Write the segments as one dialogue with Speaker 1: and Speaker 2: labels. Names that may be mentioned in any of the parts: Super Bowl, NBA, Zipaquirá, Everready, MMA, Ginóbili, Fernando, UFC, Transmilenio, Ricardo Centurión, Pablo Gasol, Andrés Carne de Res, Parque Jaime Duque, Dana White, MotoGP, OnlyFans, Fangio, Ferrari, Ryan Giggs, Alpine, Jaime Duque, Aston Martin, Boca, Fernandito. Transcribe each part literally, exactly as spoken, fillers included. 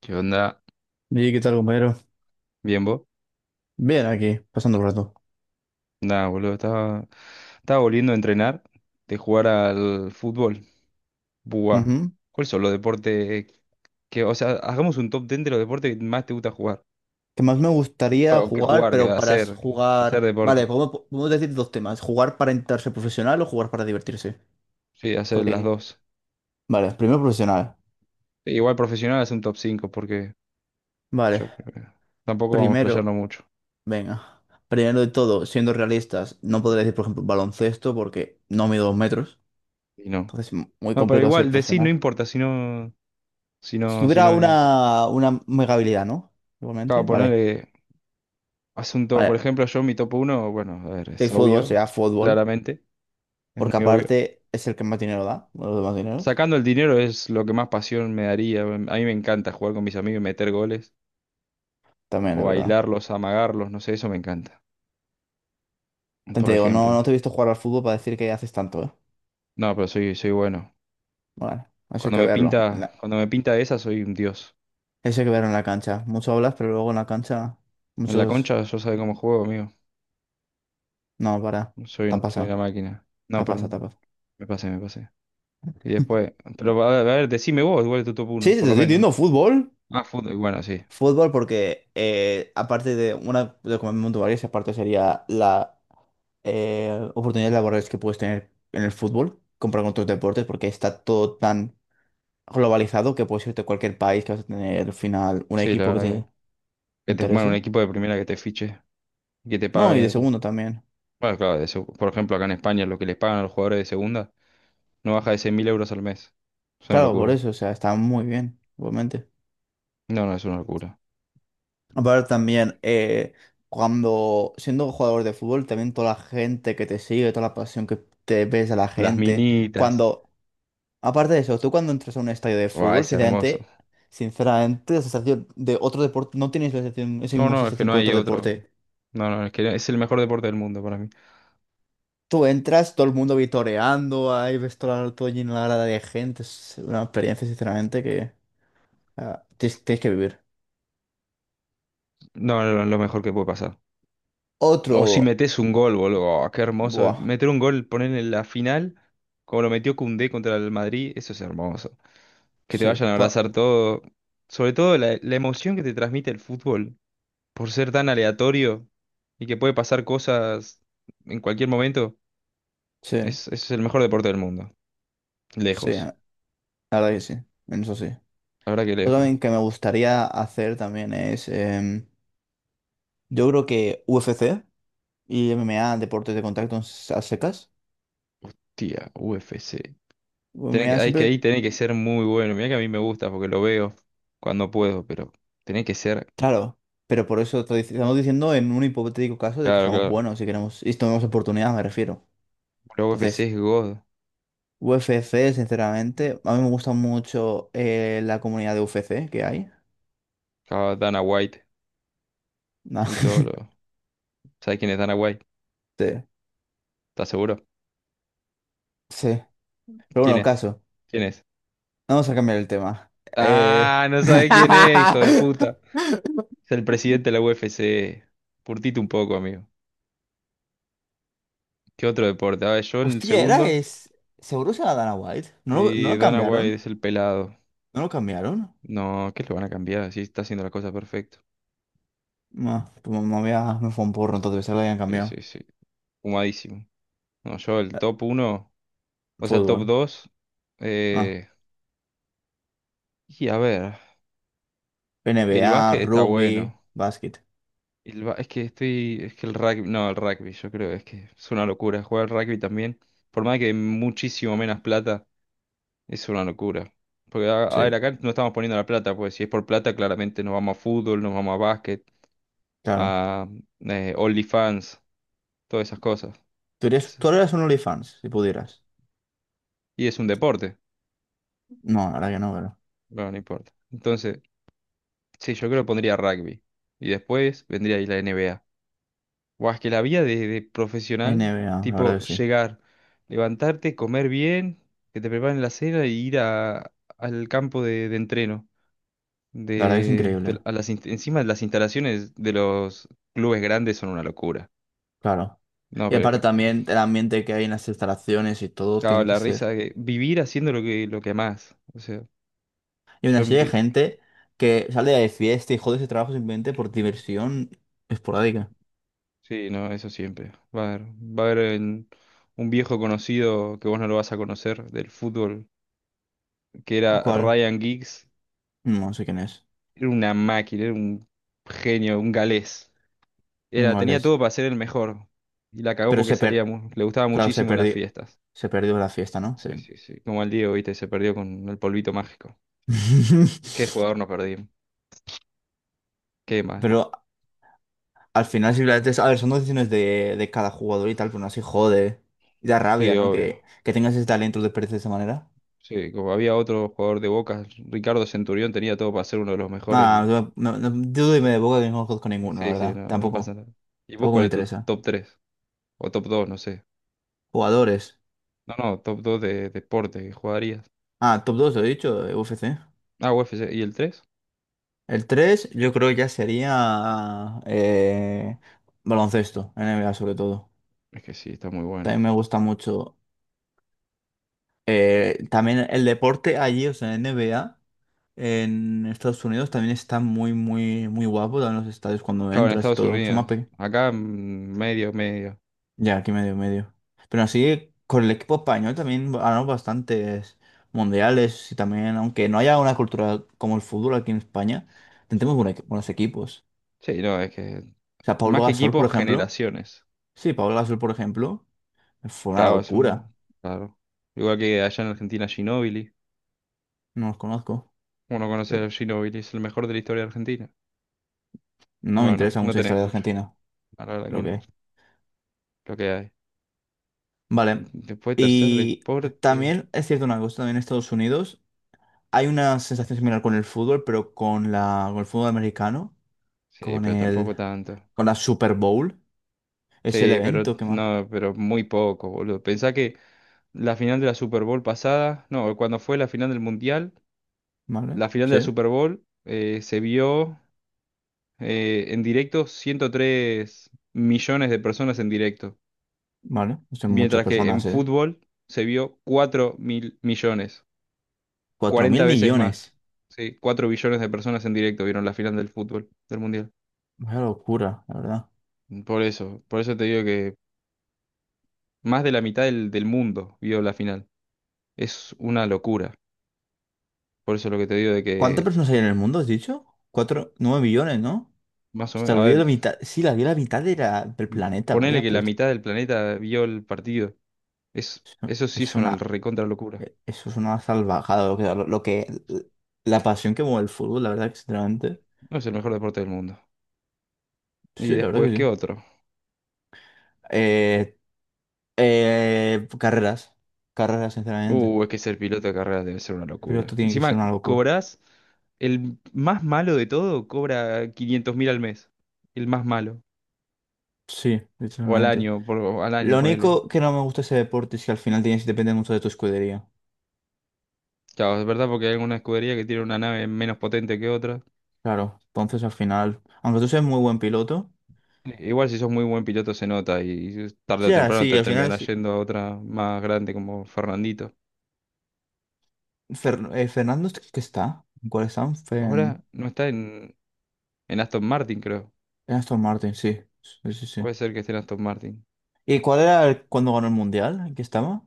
Speaker 1: ¿Qué onda?
Speaker 2: ¿Y qué tal, compañero?
Speaker 1: ¿Bien vos?
Speaker 2: Bien, aquí, pasando el rato.
Speaker 1: Nada, boludo, estaba, estaba volviendo a entrenar de jugar al fútbol. Buah.
Speaker 2: Ujú.
Speaker 1: ¿Cuáles son los deportes que, o sea, hagamos un top diez de los deportes que más te gusta jugar?
Speaker 2: Que más me gustaría
Speaker 1: Bueno, que
Speaker 2: jugar,
Speaker 1: jugar, que
Speaker 2: pero para s-
Speaker 1: hacer, hacer
Speaker 2: jugar. Vale,
Speaker 1: deporte.
Speaker 2: podemos, podemos decir dos temas: jugar para entrarse profesional o jugar para divertirse.
Speaker 1: Sí,
Speaker 2: ¿Cuál
Speaker 1: hacer las
Speaker 2: diría?
Speaker 1: dos.
Speaker 2: Vale, primero profesional.
Speaker 1: E igual profesional es un top cinco porque
Speaker 2: Vale,
Speaker 1: yo creo que tampoco vamos a
Speaker 2: primero,
Speaker 1: explayarnos mucho.
Speaker 2: venga. Primero de todo, siendo realistas, no podría decir, por ejemplo, baloncesto porque no mido dos metros.
Speaker 1: Y no.
Speaker 2: Entonces, m- muy
Speaker 1: No, pero
Speaker 2: complicado ser
Speaker 1: igual decir no
Speaker 2: profesional.
Speaker 1: importa si no, si
Speaker 2: Si
Speaker 1: no, si
Speaker 2: tuviera
Speaker 1: no es.
Speaker 2: una, una mega habilidad, ¿no?
Speaker 1: Acabo
Speaker 2: Igualmente,
Speaker 1: de
Speaker 2: vale.
Speaker 1: ponerle asunto, por
Speaker 2: Vale,
Speaker 1: ejemplo, yo mi top uno, bueno, a ver, es
Speaker 2: el fútbol
Speaker 1: obvio,
Speaker 2: sería fútbol.
Speaker 1: claramente. Es
Speaker 2: Porque
Speaker 1: muy obvio.
Speaker 2: aparte es el que más dinero da, uno de los demás dineros.
Speaker 1: Sacando el dinero es lo que más pasión me daría. A mí me encanta jugar con mis amigos y meter goles.
Speaker 2: También
Speaker 1: O
Speaker 2: es verdad.
Speaker 1: bailarlos, amagarlos, no sé, eso me encanta.
Speaker 2: Te
Speaker 1: Por
Speaker 2: digo,
Speaker 1: ejemplo.
Speaker 2: no, no te he visto jugar al fútbol para decir que haces tanto, ¿eh?
Speaker 1: No, pero soy, soy bueno.
Speaker 2: Bueno, eso hay
Speaker 1: Cuando
Speaker 2: que
Speaker 1: me
Speaker 2: verlo. en
Speaker 1: pinta,
Speaker 2: la-
Speaker 1: cuando me pinta esa, soy un dios.
Speaker 2: Eso hay que verlo en la cancha. Mucho hablas, pero luego en la cancha,
Speaker 1: En la
Speaker 2: muchos.
Speaker 1: concha yo sabe cómo juego, amigo.
Speaker 2: No, para.
Speaker 1: Soy,
Speaker 2: Te ha
Speaker 1: un- soy una
Speaker 2: pasado.
Speaker 1: máquina.
Speaker 2: Te
Speaker 1: No,
Speaker 2: ha pasado, te
Speaker 1: perdón.
Speaker 2: ha pasado.
Speaker 1: Me pasé, me pasé. Y después. Pero a ver, a ver, decime vos, igual tu top
Speaker 2: Sí,
Speaker 1: uno,
Speaker 2: sí,
Speaker 1: por
Speaker 2: te
Speaker 1: lo
Speaker 2: estoy
Speaker 1: menos.
Speaker 2: diciendo fútbol.
Speaker 1: Ah, fútbol. Bueno, sí.
Speaker 2: Fútbol porque eh, aparte de una de como varias, aparte sería la eh, oportunidades laborales que puedes tener en el fútbol, comprar con otros deportes, porque está todo tan globalizado que puedes irte a cualquier país que vas a tener al final un
Speaker 1: Sí,
Speaker 2: equipo
Speaker 1: la
Speaker 2: que
Speaker 1: verdad que.
Speaker 2: te
Speaker 1: Que te, bueno, un
Speaker 2: interese.
Speaker 1: equipo de primera que te fiche. Que te
Speaker 2: No, y de
Speaker 1: pague.
Speaker 2: segundo también.
Speaker 1: Bueno, claro, de seg- por ejemplo, acá en España lo que les pagan a los jugadores de segunda no baja de cien mil euros al mes. Es una
Speaker 2: Claro, por
Speaker 1: locura.
Speaker 2: eso, o sea, está muy bien, igualmente.
Speaker 1: No, no, es una locura.
Speaker 2: Aparte también, eh, cuando siendo jugador de fútbol, también toda la gente que te sigue, toda la pasión que te ves a la
Speaker 1: Las
Speaker 2: gente,
Speaker 1: minitas.
Speaker 2: cuando, aparte de eso, tú cuando entras a un estadio de
Speaker 1: Buah,
Speaker 2: fútbol,
Speaker 1: es hermoso.
Speaker 2: sinceramente, sinceramente, la sensación de otro deporte, no tienes la sensación, esa
Speaker 1: No,
Speaker 2: misma
Speaker 1: no, es que
Speaker 2: sensación
Speaker 1: no
Speaker 2: con
Speaker 1: hay
Speaker 2: otro
Speaker 1: otro.
Speaker 2: deporte.
Speaker 1: No, no, es que es el mejor deporte del mundo para mí.
Speaker 2: Tú entras, todo el mundo vitoreando, ahí ves toda, todo lleno la grada de gente. Es una experiencia, sinceramente, que ah, tienes, tienes que vivir.
Speaker 1: No, no, no, lo mejor que puede pasar. O si
Speaker 2: Otro.
Speaker 1: metes un gol, boludo. Oh, qué hermoso.
Speaker 2: Buah.
Speaker 1: Meter un gol, poner en la final, como lo metió Koundé contra el Madrid, eso es hermoso. Que te
Speaker 2: Sí.
Speaker 1: vayan a
Speaker 2: pa-
Speaker 1: abrazar todo. Sobre todo la, la emoción que te transmite el fútbol, por ser tan aleatorio y que puede pasar cosas en cualquier momento,
Speaker 2: sí.
Speaker 1: es, es el mejor deporte del mundo.
Speaker 2: Sí.
Speaker 1: Lejos,
Speaker 2: La verdad que sí. En eso sí.
Speaker 1: la verdad que
Speaker 2: Otro
Speaker 1: lejos.
Speaker 2: también que me gustaría hacer también es. em, Yo creo que U F C y M M A, deportes de contacto a secas.
Speaker 1: Tía, U F C. Tenés que,
Speaker 2: M M A
Speaker 1: ah, es que ahí
Speaker 2: siempre.
Speaker 1: tenés que ser muy bueno. Mira que a mí me gusta porque lo veo cuando puedo, pero tenés que ser.
Speaker 2: Claro. Pero por eso te dic- estamos diciendo en un hipotético caso de que
Speaker 1: Claro,
Speaker 2: seamos
Speaker 1: claro.
Speaker 2: buenos si queremos. Y tenemos oportunidades me refiero.
Speaker 1: La
Speaker 2: Entonces.
Speaker 1: U F C es God.
Speaker 2: U F C, sinceramente, a mí me gusta mucho eh, la comunidad de U F C que hay.
Speaker 1: Claro, Dana White
Speaker 2: No,
Speaker 1: y todo lo. ¿Sabes quién es Dana White?
Speaker 2: sí,
Speaker 1: ¿Estás seguro?
Speaker 2: sí. Pero bueno,
Speaker 1: ¿Quién
Speaker 2: el
Speaker 1: es?
Speaker 2: caso,
Speaker 1: ¿Quién es?
Speaker 2: vamos a cambiar el tema. Eh...
Speaker 1: Ah, no sabes quién es, hijo de puta. Es el presidente de la U F C. Curtite un poco, amigo. ¿Qué otro deporte? Ah, yo el
Speaker 2: Hostia, era
Speaker 1: segundo.
Speaker 2: es. ¿Seguro se la Dana White? ¿No lo, no
Speaker 1: Y
Speaker 2: lo
Speaker 1: Dana White
Speaker 2: cambiaron?
Speaker 1: es el pelado.
Speaker 2: ¿No lo cambiaron?
Speaker 1: No, ¿qué lo van a cambiar? Sí, está haciendo la cosa perfecto.
Speaker 2: No, pues me, me había- me fue un porro, entonces se lo habían
Speaker 1: Sí,
Speaker 2: cambiado.
Speaker 1: sí, sí. Humadísimo. No, yo el
Speaker 2: Eh,
Speaker 1: top uno, o sea, el
Speaker 2: Fútbol.
Speaker 1: top dos.
Speaker 2: Ah,
Speaker 1: Eh, y a ver, el
Speaker 2: N B A,
Speaker 1: básquet está
Speaker 2: rugby,
Speaker 1: bueno.
Speaker 2: básquet.
Speaker 1: El ba- es que estoy, es que el rugby, no, el rugby, yo creo, es que es una locura. Jugar al rugby también, por más que muchísimo menos plata, es una locura. Porque, a, a ver,
Speaker 2: Sí,
Speaker 1: acá no estamos poniendo la plata, pues si es por plata, claramente nos vamos a fútbol, nos vamos a básquet.
Speaker 2: claro.
Speaker 1: A eh, OnlyFans, todas esas cosas.
Speaker 2: ¿Tú eres,
Speaker 1: Sí.
Speaker 2: tú eres un OnlyFans, si pudieras?
Speaker 1: Y es un deporte,
Speaker 2: No, ahora que no,
Speaker 1: bueno, no importa. Entonces, sí, yo creo que pondría rugby. Y después vendría ahí la N B A. O es que la vida de, de profesional,
Speaker 2: N B A, la verdad
Speaker 1: tipo
Speaker 2: que sí.
Speaker 1: llegar, levantarte, comer bien, que te preparen la cena y ir a- al campo de, de entreno.
Speaker 2: La verdad que es
Speaker 1: De, de-
Speaker 2: increíble,
Speaker 1: a las, inst- encima las instalaciones de los clubes grandes son una locura.
Speaker 2: claro.
Speaker 1: No,
Speaker 2: Y
Speaker 1: pero,
Speaker 2: aparte
Speaker 1: pero,
Speaker 2: también el ambiente que hay en las instalaciones y todo
Speaker 1: claro,
Speaker 2: tiene que
Speaker 1: la risa,
Speaker 2: ser.
Speaker 1: que vivir haciendo lo que, lo que más. O sea,
Speaker 2: Y una
Speaker 1: yo.
Speaker 2: serie de gente que sale de fiesta y jode ese trabajo simplemente por diversión esporádica.
Speaker 1: Sí, no, eso siempre. Va a haber, va a haber en- un viejo conocido que vos no lo vas a conocer del fútbol, que era
Speaker 2: ¿Cuál?
Speaker 1: Ryan Giggs.
Speaker 2: No sé quién es.
Speaker 1: Era una máquina, era un genio, un galés. Era,
Speaker 2: Un
Speaker 1: tenía todo
Speaker 2: es.
Speaker 1: para ser el mejor. Y la cagó
Speaker 2: Pero
Speaker 1: porque
Speaker 2: se
Speaker 1: salía,
Speaker 2: per...
Speaker 1: mu- le gustaba
Speaker 2: Claro, se
Speaker 1: muchísimo las
Speaker 2: perdió.
Speaker 1: fiestas.
Speaker 2: Se perdió la fiesta, ¿no? Sí.
Speaker 1: Sí, sí, sí. Como el Diego, viste, se perdió con el polvito mágico. Qué jugador nos perdimos. Qué mal.
Speaker 2: Pero al final simplemente es... A ver, son decisiones de, de cada jugador y tal, pero no así jode. Y da rabia,
Speaker 1: Sí,
Speaker 2: ¿no?
Speaker 1: obvio.
Speaker 2: Que, que tengas ese talento de perderse de esa manera.
Speaker 1: Sí, como había otro jugador de Boca, Ricardo Centurión tenía todo para ser uno de los mejores
Speaker 2: Nada,
Speaker 1: y...
Speaker 2: yo no, no, dudo y me de boca que no conozco ninguno, la
Speaker 1: Sí, sí,
Speaker 2: verdad.
Speaker 1: no, no pasa
Speaker 2: Tampoco,
Speaker 1: nada. ¿Y vos
Speaker 2: tampoco
Speaker 1: cuál
Speaker 2: me
Speaker 1: es tu
Speaker 2: interesa.
Speaker 1: top tres? O top dos, no sé.
Speaker 2: Jugadores.
Speaker 1: No, no, top dos de deporte que jugarías.
Speaker 2: Ah, top dos lo he dicho, de U F C.
Speaker 1: Ah, U F C. ¿Y el tres?
Speaker 2: El tres yo creo que ya sería eh, baloncesto, N B A sobre todo.
Speaker 1: Es que sí, está muy bueno.
Speaker 2: También me gusta mucho. eh, También el deporte allí, o sea, N B A, en Estados Unidos también está muy, muy, muy guapo. También los estadios cuando
Speaker 1: Claro, en
Speaker 2: entras y
Speaker 1: Estados
Speaker 2: todo, que son más,
Speaker 1: Unidos.
Speaker 2: pe-
Speaker 1: Acá mm, medio, medio.
Speaker 2: Ya, aquí medio, medio. Pero así, con el equipo español también ganamos bastantes mundiales y también, aunque no haya una cultura como el fútbol aquí en España, tenemos buena- buenos equipos.
Speaker 1: Sí, no, es que
Speaker 2: O sea,
Speaker 1: más
Speaker 2: Pablo
Speaker 1: que
Speaker 2: Gasol, por
Speaker 1: equipos,
Speaker 2: ejemplo.
Speaker 1: generaciones.
Speaker 2: Sí, Pablo Gasol, por ejemplo, fue una
Speaker 1: Claro, es
Speaker 2: locura.
Speaker 1: un... Claro. Igual que allá en Argentina, Ginóbili.
Speaker 2: No los conozco,
Speaker 1: Uno conoce
Speaker 2: pero
Speaker 1: a Ginóbili, es el mejor de la historia de Argentina.
Speaker 2: no me
Speaker 1: Bueno,
Speaker 2: interesa
Speaker 1: no
Speaker 2: mucho la
Speaker 1: tenés
Speaker 2: historia de
Speaker 1: mucho.
Speaker 2: Argentina,
Speaker 1: La verdad que
Speaker 2: creo
Speaker 1: no.
Speaker 2: que.
Speaker 1: Lo que hay.
Speaker 2: Vale.
Speaker 1: Después, tercer
Speaker 2: Y
Speaker 1: deporte.
Speaker 2: también es cierto una cosa, también en Estados Unidos hay una sensación similar con el fútbol, pero con la, con el fútbol americano,
Speaker 1: Sí,
Speaker 2: con
Speaker 1: pero
Speaker 2: el...
Speaker 1: tampoco tanto.
Speaker 2: Con la Super Bowl es el
Speaker 1: Sí, pero
Speaker 2: evento, ¿qué más?
Speaker 1: no, pero muy poco, boludo. Pensá que la final de la Super Bowl pasada, no, cuando fue la final del Mundial,
Speaker 2: ¿Vale?
Speaker 1: la final de la
Speaker 2: Sí,
Speaker 1: Super Bowl eh, se vio eh, en directo ciento tres millones de personas en directo,
Speaker 2: vale. Son muchas
Speaker 1: mientras que en
Speaker 2: personas, ¿eh?
Speaker 1: fútbol se vio cuatro mil millones,
Speaker 2: Cuatro
Speaker 1: cuarenta
Speaker 2: mil
Speaker 1: veces más.
Speaker 2: millones.
Speaker 1: Sí, cuatro billones de personas en directo vieron la final del fútbol, del Mundial.
Speaker 2: Vaya locura, la verdad.
Speaker 1: Por eso, por eso te digo que más de la mitad del, del mundo vio la final. Es una locura. Por eso lo que te digo de
Speaker 2: ¿Cuántas
Speaker 1: que,
Speaker 2: personas hay en el mundo, has dicho? Cuatro, nueve millones, ¿no?
Speaker 1: más o
Speaker 2: Hasta
Speaker 1: menos, a
Speaker 2: olvidé
Speaker 1: ver,
Speaker 2: la mitad. Sí, la vi la mitad de la- del planeta,
Speaker 1: ponele
Speaker 2: vaya
Speaker 1: que la
Speaker 2: puta.
Speaker 1: mitad del planeta vio el partido. Es, eso sí
Speaker 2: Eso, es
Speaker 1: es una
Speaker 2: una,
Speaker 1: recontra locura.
Speaker 2: eh, eso es una salvajada, lo que, lo, lo que, la pasión que mueve el fútbol, la verdad, que sinceramente.
Speaker 1: No es el mejor deporte del mundo. Y
Speaker 2: Sí, la verdad que
Speaker 1: después, ¿qué
Speaker 2: sí.
Speaker 1: otro?
Speaker 2: Eh, eh, carreras, carreras, sinceramente.
Speaker 1: Uh, es que ser piloto de carreras debe ser una
Speaker 2: Pero
Speaker 1: locura.
Speaker 2: esto tiene que ser
Speaker 1: Encima,
Speaker 2: una locura.
Speaker 1: cobras, el más malo de todo cobra quinientos mil al mes. El más malo.
Speaker 2: Sí,
Speaker 1: O al
Speaker 2: literalmente.
Speaker 1: año, por, o al año,
Speaker 2: Lo
Speaker 1: ponele.
Speaker 2: único que no me gusta de ese deporte es que al final tienes depende mucho de tu escudería.
Speaker 1: Claro, es verdad porque hay alguna escudería que tiene una nave menos potente que otra.
Speaker 2: Claro, entonces al final, aunque tú seas muy buen piloto,
Speaker 1: Igual si sos muy buen piloto se nota y tarde o
Speaker 2: ya,
Speaker 1: temprano
Speaker 2: sí,
Speaker 1: te
Speaker 2: al final
Speaker 1: terminarás
Speaker 2: sí.
Speaker 1: yendo a otra más grande como Fernandito.
Speaker 2: Fer- eh, Fernando, ¿qué está? ¿En ¿Cuál está? En
Speaker 1: Ahora no está en, en Aston Martin, creo.
Speaker 2: en Aston Martin, sí. Sí, sí, sí.
Speaker 1: Puede ser que esté en Aston Martin.
Speaker 2: ¿Y cuál era el- cuando ganó el Mundial? ¿En qué estaba?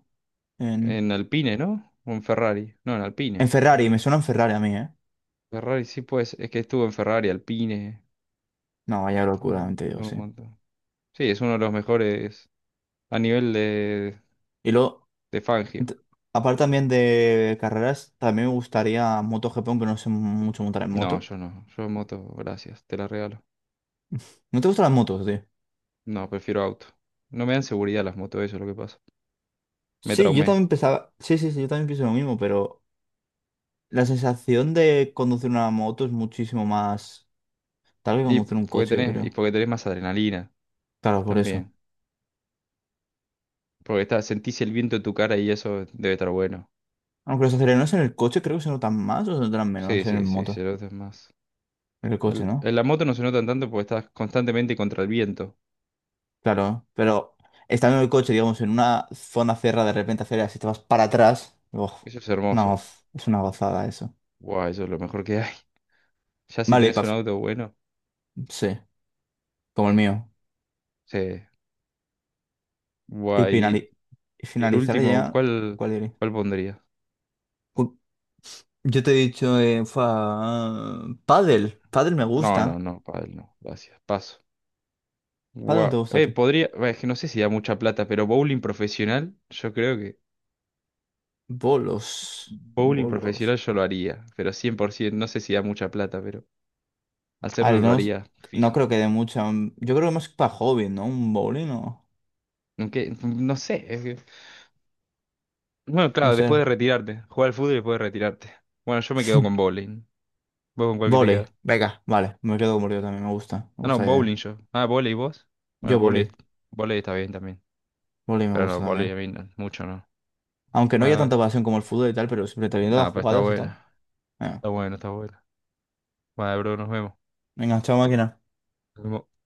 Speaker 2: En,
Speaker 1: En Alpine, ¿no? O en Ferrari. No, en Alpine,
Speaker 2: en
Speaker 1: yo
Speaker 2: Ferrari, me
Speaker 1: creo.
Speaker 2: suena en Ferrari a mí, ¿eh?
Speaker 1: Ferrari sí pues. Es que estuvo en Ferrari, Alpine.
Speaker 2: No, vaya
Speaker 1: Estuvo
Speaker 2: locura, te
Speaker 1: en
Speaker 2: digo,
Speaker 1: un
Speaker 2: sí.
Speaker 1: montón. Sí, es uno de los mejores a nivel de,
Speaker 2: Y luego,
Speaker 1: de Fangio.
Speaker 2: ent- aparte también de carreras, también me gustaría moto G P, aunque no sé mucho montar en
Speaker 1: No,
Speaker 2: moto.
Speaker 1: yo no. Yo en moto, gracias, te la regalo.
Speaker 2: ¿No te gustan las motos, tío?
Speaker 1: No, prefiero auto. No me dan seguridad las motos, eso es lo que pasa. Me
Speaker 2: Sí, yo
Speaker 1: traumé.
Speaker 2: también pensaba, sí, sí, sí, yo también pienso lo mismo, pero la sensación de conducir una moto es muchísimo más tal que
Speaker 1: Y
Speaker 2: conducir un
Speaker 1: porque
Speaker 2: coche, yo
Speaker 1: tenés, y
Speaker 2: creo.
Speaker 1: porque tenés más adrenalina
Speaker 2: Claro, por eso.
Speaker 1: también. Porque está, sentís el viento en tu cara y eso debe estar bueno.
Speaker 2: Aunque los acelerones en el coche creo que se notan más o se notan
Speaker 1: Sí,
Speaker 2: menos en el
Speaker 1: sí, sí, se
Speaker 2: moto.
Speaker 1: nota más.
Speaker 2: En el coche,
Speaker 1: El-
Speaker 2: ¿no?
Speaker 1: en la moto no se notan tanto porque estás constantemente contra el viento.
Speaker 2: Claro, pero estando en el coche, digamos, en una zona cerrada, de repente aceleras y te vas para atrás. Uf,
Speaker 1: Eso es
Speaker 2: una
Speaker 1: hermoso.
Speaker 2: goz- es una gozada eso.
Speaker 1: Guau, eso es lo mejor que hay. Ya si
Speaker 2: Vale, y
Speaker 1: tenés
Speaker 2: pa-
Speaker 1: un auto bueno.
Speaker 2: sí, como el mío.
Speaker 1: Sí.
Speaker 2: Y,
Speaker 1: Guay.
Speaker 2: finali- y
Speaker 1: Y, y el
Speaker 2: finalizar
Speaker 1: último,
Speaker 2: ya,
Speaker 1: ¿cuál,
Speaker 2: ¿cuál diré?
Speaker 1: cuál pondría?
Speaker 2: Yo te he dicho, eh, fa... pádel. Pádel me
Speaker 1: No, no,
Speaker 2: gusta.
Speaker 1: no, pádel no. Gracias. Paso.
Speaker 2: Pádel no te
Speaker 1: Guau.
Speaker 2: gusta a
Speaker 1: Eh,
Speaker 2: ti.
Speaker 1: podría. bah, Es que no sé si da mucha plata, pero bowling profesional, yo creo.
Speaker 2: Bolos.
Speaker 1: Bowling profesional
Speaker 2: Bolos.
Speaker 1: yo lo haría, pero cien por ciento, no sé si da mucha plata, pero
Speaker 2: A
Speaker 1: hacerlo
Speaker 2: ver,
Speaker 1: lo
Speaker 2: no, es-
Speaker 1: haría
Speaker 2: no
Speaker 1: fijo.
Speaker 2: creo que dé mucho. mm, Yo creo que más para hobby, ¿no? Un bowling o...
Speaker 1: Aunque, no sé. es que- Bueno,
Speaker 2: No
Speaker 1: claro,
Speaker 2: sé.
Speaker 1: después de retirarte, jugar al fútbol y después de retirarte. Bueno, yo me quedo con bowling. ¿Vos con cuál que te
Speaker 2: Voley.
Speaker 1: quedas?
Speaker 2: Venga, vale. Me quedo con voley también. Me gusta. Me
Speaker 1: Ah, no,
Speaker 2: gusta la
Speaker 1: bowling
Speaker 2: idea.
Speaker 1: yo. Ah, volei vos. Bueno,
Speaker 2: Yo
Speaker 1: volei,
Speaker 2: voley.
Speaker 1: volei está bien también.
Speaker 2: Voley me
Speaker 1: Pero no,
Speaker 2: gusta
Speaker 1: volei
Speaker 2: también.
Speaker 1: a mí no, mucho no.
Speaker 2: Aunque no
Speaker 1: Bueno,
Speaker 2: haya
Speaker 1: dale.
Speaker 2: tanta pasión como el fútbol y tal, pero siempre te viendo las
Speaker 1: Nada, pues está
Speaker 2: jugadas y
Speaker 1: bueno.
Speaker 2: tal. Venga,
Speaker 1: Está bueno, está bueno. Bueno, bro, nos vemos.
Speaker 2: venga, chao máquina.
Speaker 1: Nos vemos.